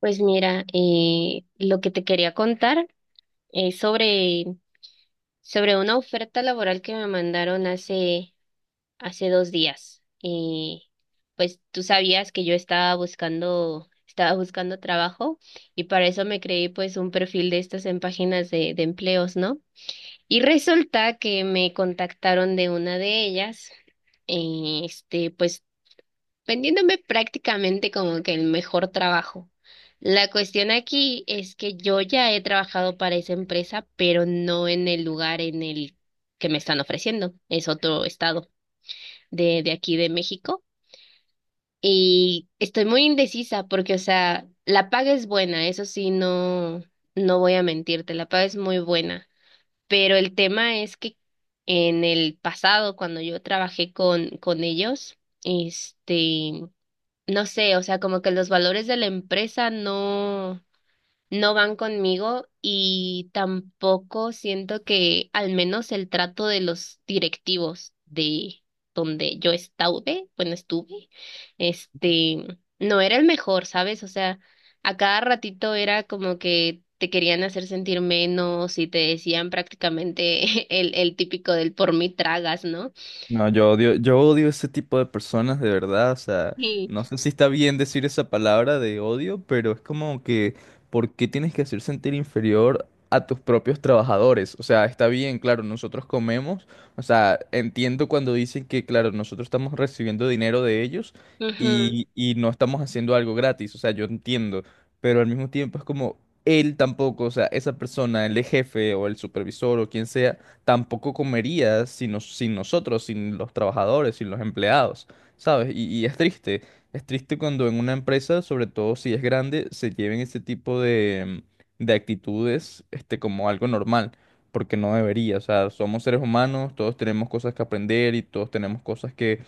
Pues mira, lo que te quería contar es sobre una oferta laboral que me mandaron hace 2 días. Pues tú sabías que yo estaba estaba buscando trabajo y para eso me creí pues un perfil de estas en páginas de empleos, ¿no? Y resulta que me contactaron de una de ellas. Pues vendiéndome prácticamente como que el mejor trabajo. La cuestión aquí es que yo ya he trabajado para esa empresa, pero no en el lugar en el que me están ofreciendo. Es otro estado de aquí de México. Y estoy muy indecisa porque, o sea, la paga es buena, eso sí, no voy a mentirte, la paga es muy buena. Pero el tema es que en el pasado, cuando yo trabajé con ellos, este no sé, o sea, como que los valores de la empresa no van conmigo y tampoco siento que al menos el trato de los directivos de donde yo estuve, bueno, estuve, este, no era el mejor, ¿sabes? O sea, a cada ratito era como que te querían hacer sentir menos y te decían prácticamente el típico del por mí tragas, ¿no? No, yo odio ese tipo de personas, de verdad. O sea, Sí. no sé si está bien decir esa palabra de odio, pero es como que, ¿por qué tienes que hacer sentir inferior a tus propios trabajadores? O sea, está bien, claro, nosotros comemos. O sea, entiendo cuando dicen que, claro, nosotros estamos recibiendo dinero de ellos Ujú, y no estamos haciendo algo gratis. O sea, yo entiendo, pero al mismo tiempo es como él tampoco, o sea, esa persona, el jefe o el supervisor o quien sea tampoco comerías sin, sin nosotros, sin los trabajadores, sin los empleados, ¿sabes? Y es triste cuando en una empresa, sobre todo si es grande, se lleven ese tipo de actitudes, este, como algo normal, porque no debería, o sea, somos seres humanos, todos tenemos cosas que aprender y todos tenemos cosas que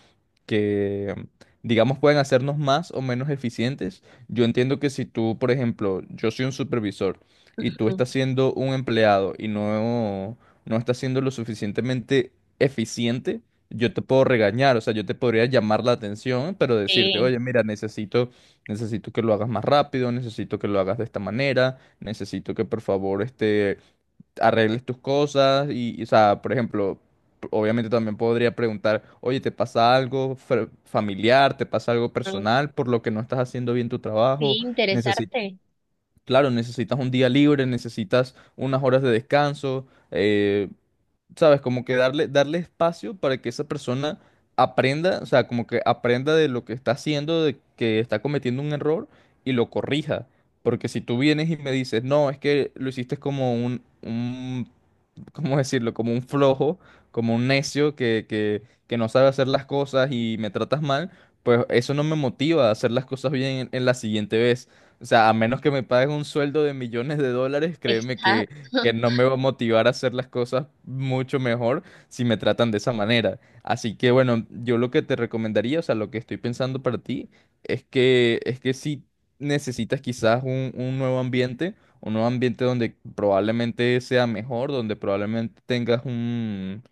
que, digamos, pueden hacernos más o menos eficientes. Yo entiendo que si tú, por ejemplo, yo soy un supervisor y tú ujú. estás siendo un empleado no estás siendo lo suficientemente eficiente, yo te puedo regañar, o sea, yo te podría llamar la atención, pero decirte, Sí. oye, mira, necesito que lo hagas más rápido, necesito que lo hagas de esta manera, necesito que por favor este, arregles tus cosas y o sea, por ejemplo... Obviamente también podría preguntar, oye, ¿te pasa algo familiar? ¿Te pasa algo personal por lo que no estás haciendo bien tu trabajo? Sí, Necesi- interesarte. claro, necesitas un día libre, necesitas unas horas de descanso. eh, ¿Sabes? Como que darle espacio para que esa persona aprenda, o sea, como que aprenda de lo que está haciendo, de que está cometiendo un error y lo corrija. Porque si tú vienes y me dices, no, es que lo hiciste como un ¿cómo decirlo? Como un flojo, como un necio que no sabe hacer las cosas y me tratas mal, pues eso no me motiva a hacer las cosas bien en la siguiente vez. O sea, a menos que me pagues un sueldo de millones de dólares, créeme Exacto. que no me va a motivar a hacer las cosas mucho mejor si me tratan de esa manera. Así que bueno, yo lo que te recomendaría, o sea, lo que estoy pensando para ti, es que si necesitas quizás un nuevo ambiente donde probablemente sea mejor, donde probablemente tengas un,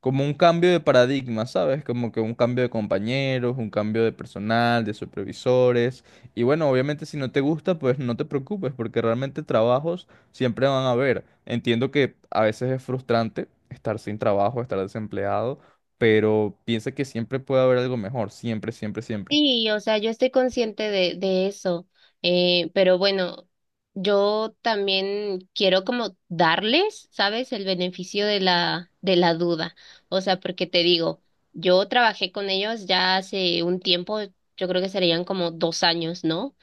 como un cambio de paradigma, ¿sabes? Como que un cambio de compañeros, un cambio de personal, de supervisores. Y bueno, obviamente si no te gusta, pues no te preocupes, porque realmente trabajos siempre van a haber. Entiendo que a veces es frustrante estar sin trabajo, estar desempleado, pero piensa que siempre puede haber algo mejor, siempre, siempre, siempre. Sí, o sea, yo estoy consciente de eso, pero bueno, yo también quiero como darles, ¿sabes? El beneficio de de la duda. O sea, porque te digo, yo trabajé con ellos ya hace un tiempo, yo creo que serían como 2 años, ¿no?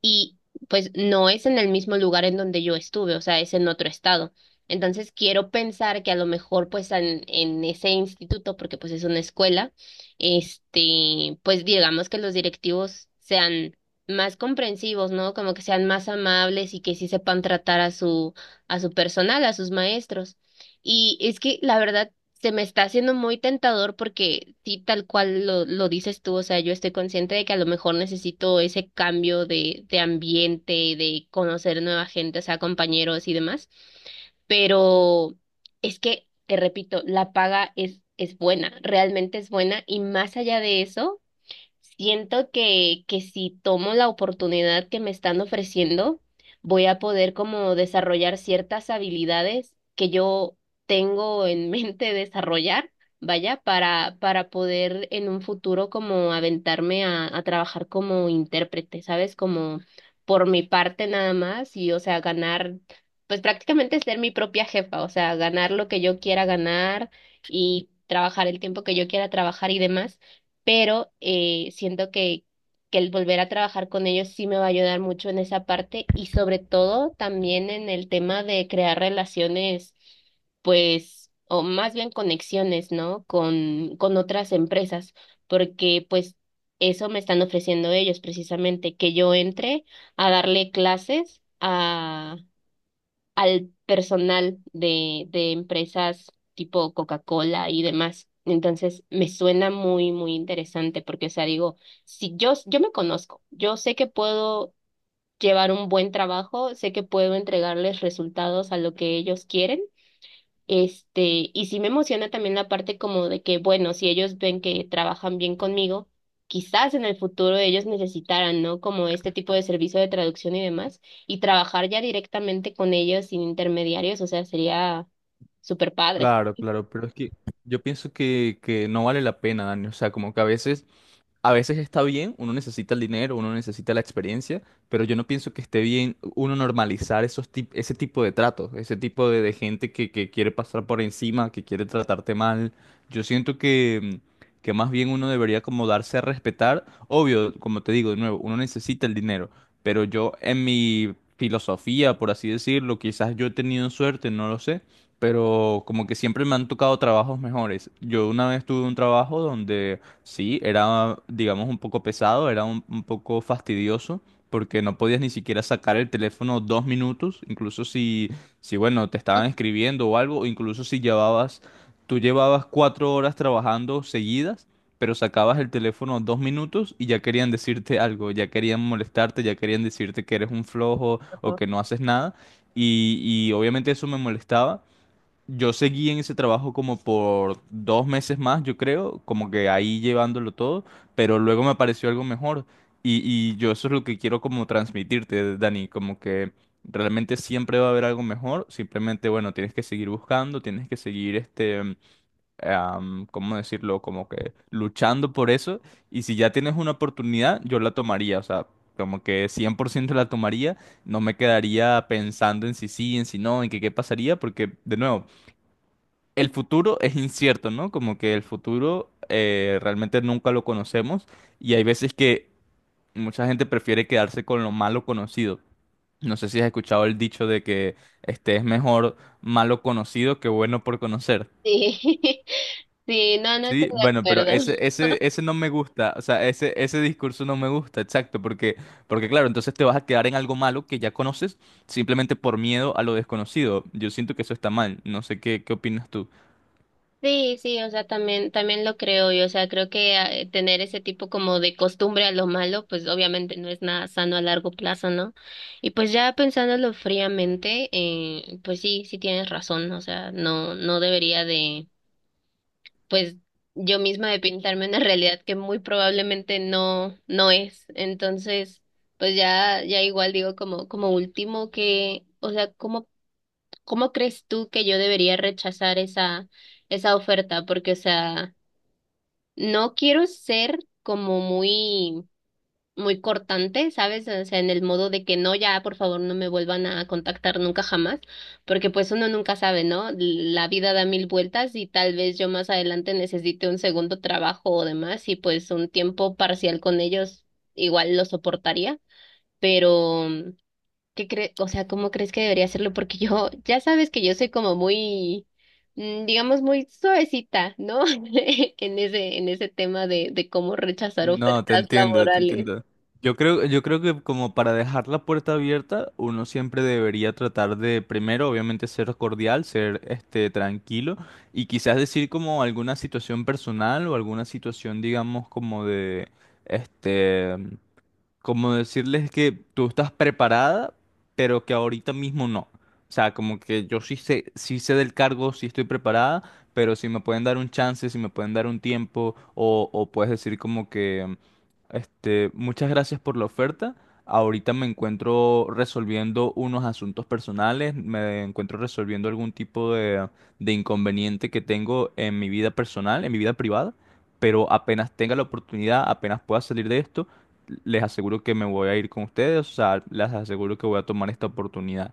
Y pues no es en el mismo lugar en donde yo estuve, o sea, es en otro estado. Entonces quiero pensar que a lo mejor pues en ese instituto, porque pues es una escuela, pues digamos que los directivos sean más comprensivos, ¿no? Como que sean más amables y que sí sepan tratar a a su personal, a sus maestros. Y es que la verdad se me está haciendo muy tentador porque sí, tal cual lo dices tú, o sea, yo estoy consciente de que a lo mejor necesito ese cambio de ambiente, de conocer nueva gente, o sea, compañeros y demás, pero es que, te repito, la paga es buena, realmente es buena y más allá de eso. Siento que si tomo la oportunidad que me están ofreciendo, voy a poder como desarrollar ciertas habilidades que yo tengo en mente desarrollar, vaya, para poder en un futuro como aventarme a trabajar como intérprete, ¿sabes? Como por mi parte nada más y, o sea, ganar, pues prácticamente ser mi propia jefa, o sea, ganar lo que yo quiera ganar y trabajar el tiempo que yo quiera trabajar y demás, pero siento que el volver a trabajar con ellos sí me va a ayudar mucho en esa parte y sobre todo también en el tema de crear relaciones, pues, o más bien conexiones, ¿no? Con otras empresas, porque pues eso me están ofreciendo ellos precisamente, que yo entre a darle clases al personal de empresas tipo Coca-Cola y demás. Entonces, me suena muy interesante porque, o sea, digo, si yo me conozco, yo sé que puedo llevar un buen trabajo, sé que puedo entregarles resultados a lo que ellos quieren. Este, y sí me emociona también la parte como de que, bueno, si ellos ven que trabajan bien conmigo, quizás en el futuro ellos necesitaran, ¿no? Como este tipo de servicio de traducción y demás, y trabajar ya directamente con ellos sin intermediarios, o sea, sería súper padre. Claro, claro, pero es que yo pienso que no vale la pena, Dani. O sea, como que a veces a veces está bien, uno necesita el dinero, uno necesita la experiencia, pero yo no pienso que esté bien uno normalizar esos ese tipo de tratos, ese tipo de gente que quiere pasar por encima, que quiere tratarte mal. Yo siento que, que más bien uno debería como darse a respetar. Obvio, como te digo de nuevo, uno necesita el dinero, pero yo en mi filosofía, por así decirlo, quizás yo he tenido suerte, no lo sé, pero como que siempre me han tocado trabajos mejores. Yo una vez tuve un trabajo donde... Sí, era, digamos, un poco pesado, era un poco fastidioso, porque no podías ni siquiera sacar el teléfono 2 minutos, incluso si, si bueno, te estaban escribiendo o algo, o incluso si llevabas, tú llevabas 4 horas trabajando seguidas, pero sacabas el teléfono 2 minutos y ya querían decirte algo, ya querían molestarte, ya querían decirte que eres un flojo o Ujú. que no haces nada, y, y obviamente eso me molestaba. Yo seguí en ese trabajo como por 2 meses más, yo creo, como que ahí llevándolo todo, pero luego me apareció algo mejor y yo eso es lo que quiero como transmitirte, Dani, como que realmente siempre va a haber algo mejor, simplemente, bueno, tienes que seguir buscando, tienes que seguir, este, ¿cómo decirlo? Como que luchando por eso y si ya tienes una oportunidad, yo la tomaría, o sea, como que 100% la tomaría, no me quedaría pensando en si sí, en si no, en que qué pasaría, porque de nuevo, el futuro es incierto, ¿no? Como que el futuro realmente nunca lo conocemos y hay veces que mucha gente prefiere quedarse con lo malo conocido. No sé si has escuchado el dicho de que este es mejor malo conocido que bueno por conocer. Sí, sí, no, no estoy Sí, de bueno, pero acuerdo. Ese no me gusta, o sea, ese discurso no me gusta, exacto, porque, porque claro, entonces te vas a quedar en algo malo que ya conoces simplemente por miedo a lo desconocido. Yo siento que eso está mal, no sé qué, qué opinas tú. Sí, sí, o sea, también, también lo creo yo, o sea, creo que tener ese tipo como de costumbre a lo malo, pues obviamente no es nada sano a largo plazo, ¿no? Y pues ya pensándolo fríamente, pues sí, sí tienes razón, o sea, no debería de, pues yo misma de pintarme una realidad que muy probablemente no es. Entonces, pues ya, ya igual digo como, como último que, o sea, ¿cómo crees tú que yo debería rechazar esa oferta? Porque, o sea, no quiero ser como muy cortante, ¿sabes? O sea, en el modo de que no, ya, por favor, no me vuelvan a contactar nunca jamás, porque pues uno nunca sabe, ¿no? La vida da mil vueltas y tal vez yo más adelante necesite un segundo trabajo o demás y pues un tiempo parcial con ellos igual lo soportaría, pero ¿qué crees, o sea, cómo crees que debería hacerlo? Porque yo, ya sabes que yo soy como muy, digamos, muy suavecita, ¿no? En en ese tema de cómo rechazar No, te ofertas entiendo, te laborales. entiendo. Yo creo que como para dejar la puerta abierta, uno siempre debería tratar de, primero, obviamente, ser cordial, ser este tranquilo, y quizás decir como alguna situación personal o alguna situación, digamos, como de este como decirles que tú estás preparada, pero que ahorita mismo no. O sea, como que yo sí sé del cargo, sí estoy preparada, pero si me pueden dar un chance, si me pueden dar un tiempo, o puedes decir como que, este, muchas gracias por la oferta. Ahorita me encuentro resolviendo unos asuntos personales, me encuentro resolviendo algún tipo de inconveniente que tengo en mi vida personal, en mi vida privada, pero apenas tenga la oportunidad, apenas pueda salir de esto les aseguro que me voy a ir con ustedes, o sea, les aseguro que voy a tomar esta oportunidad.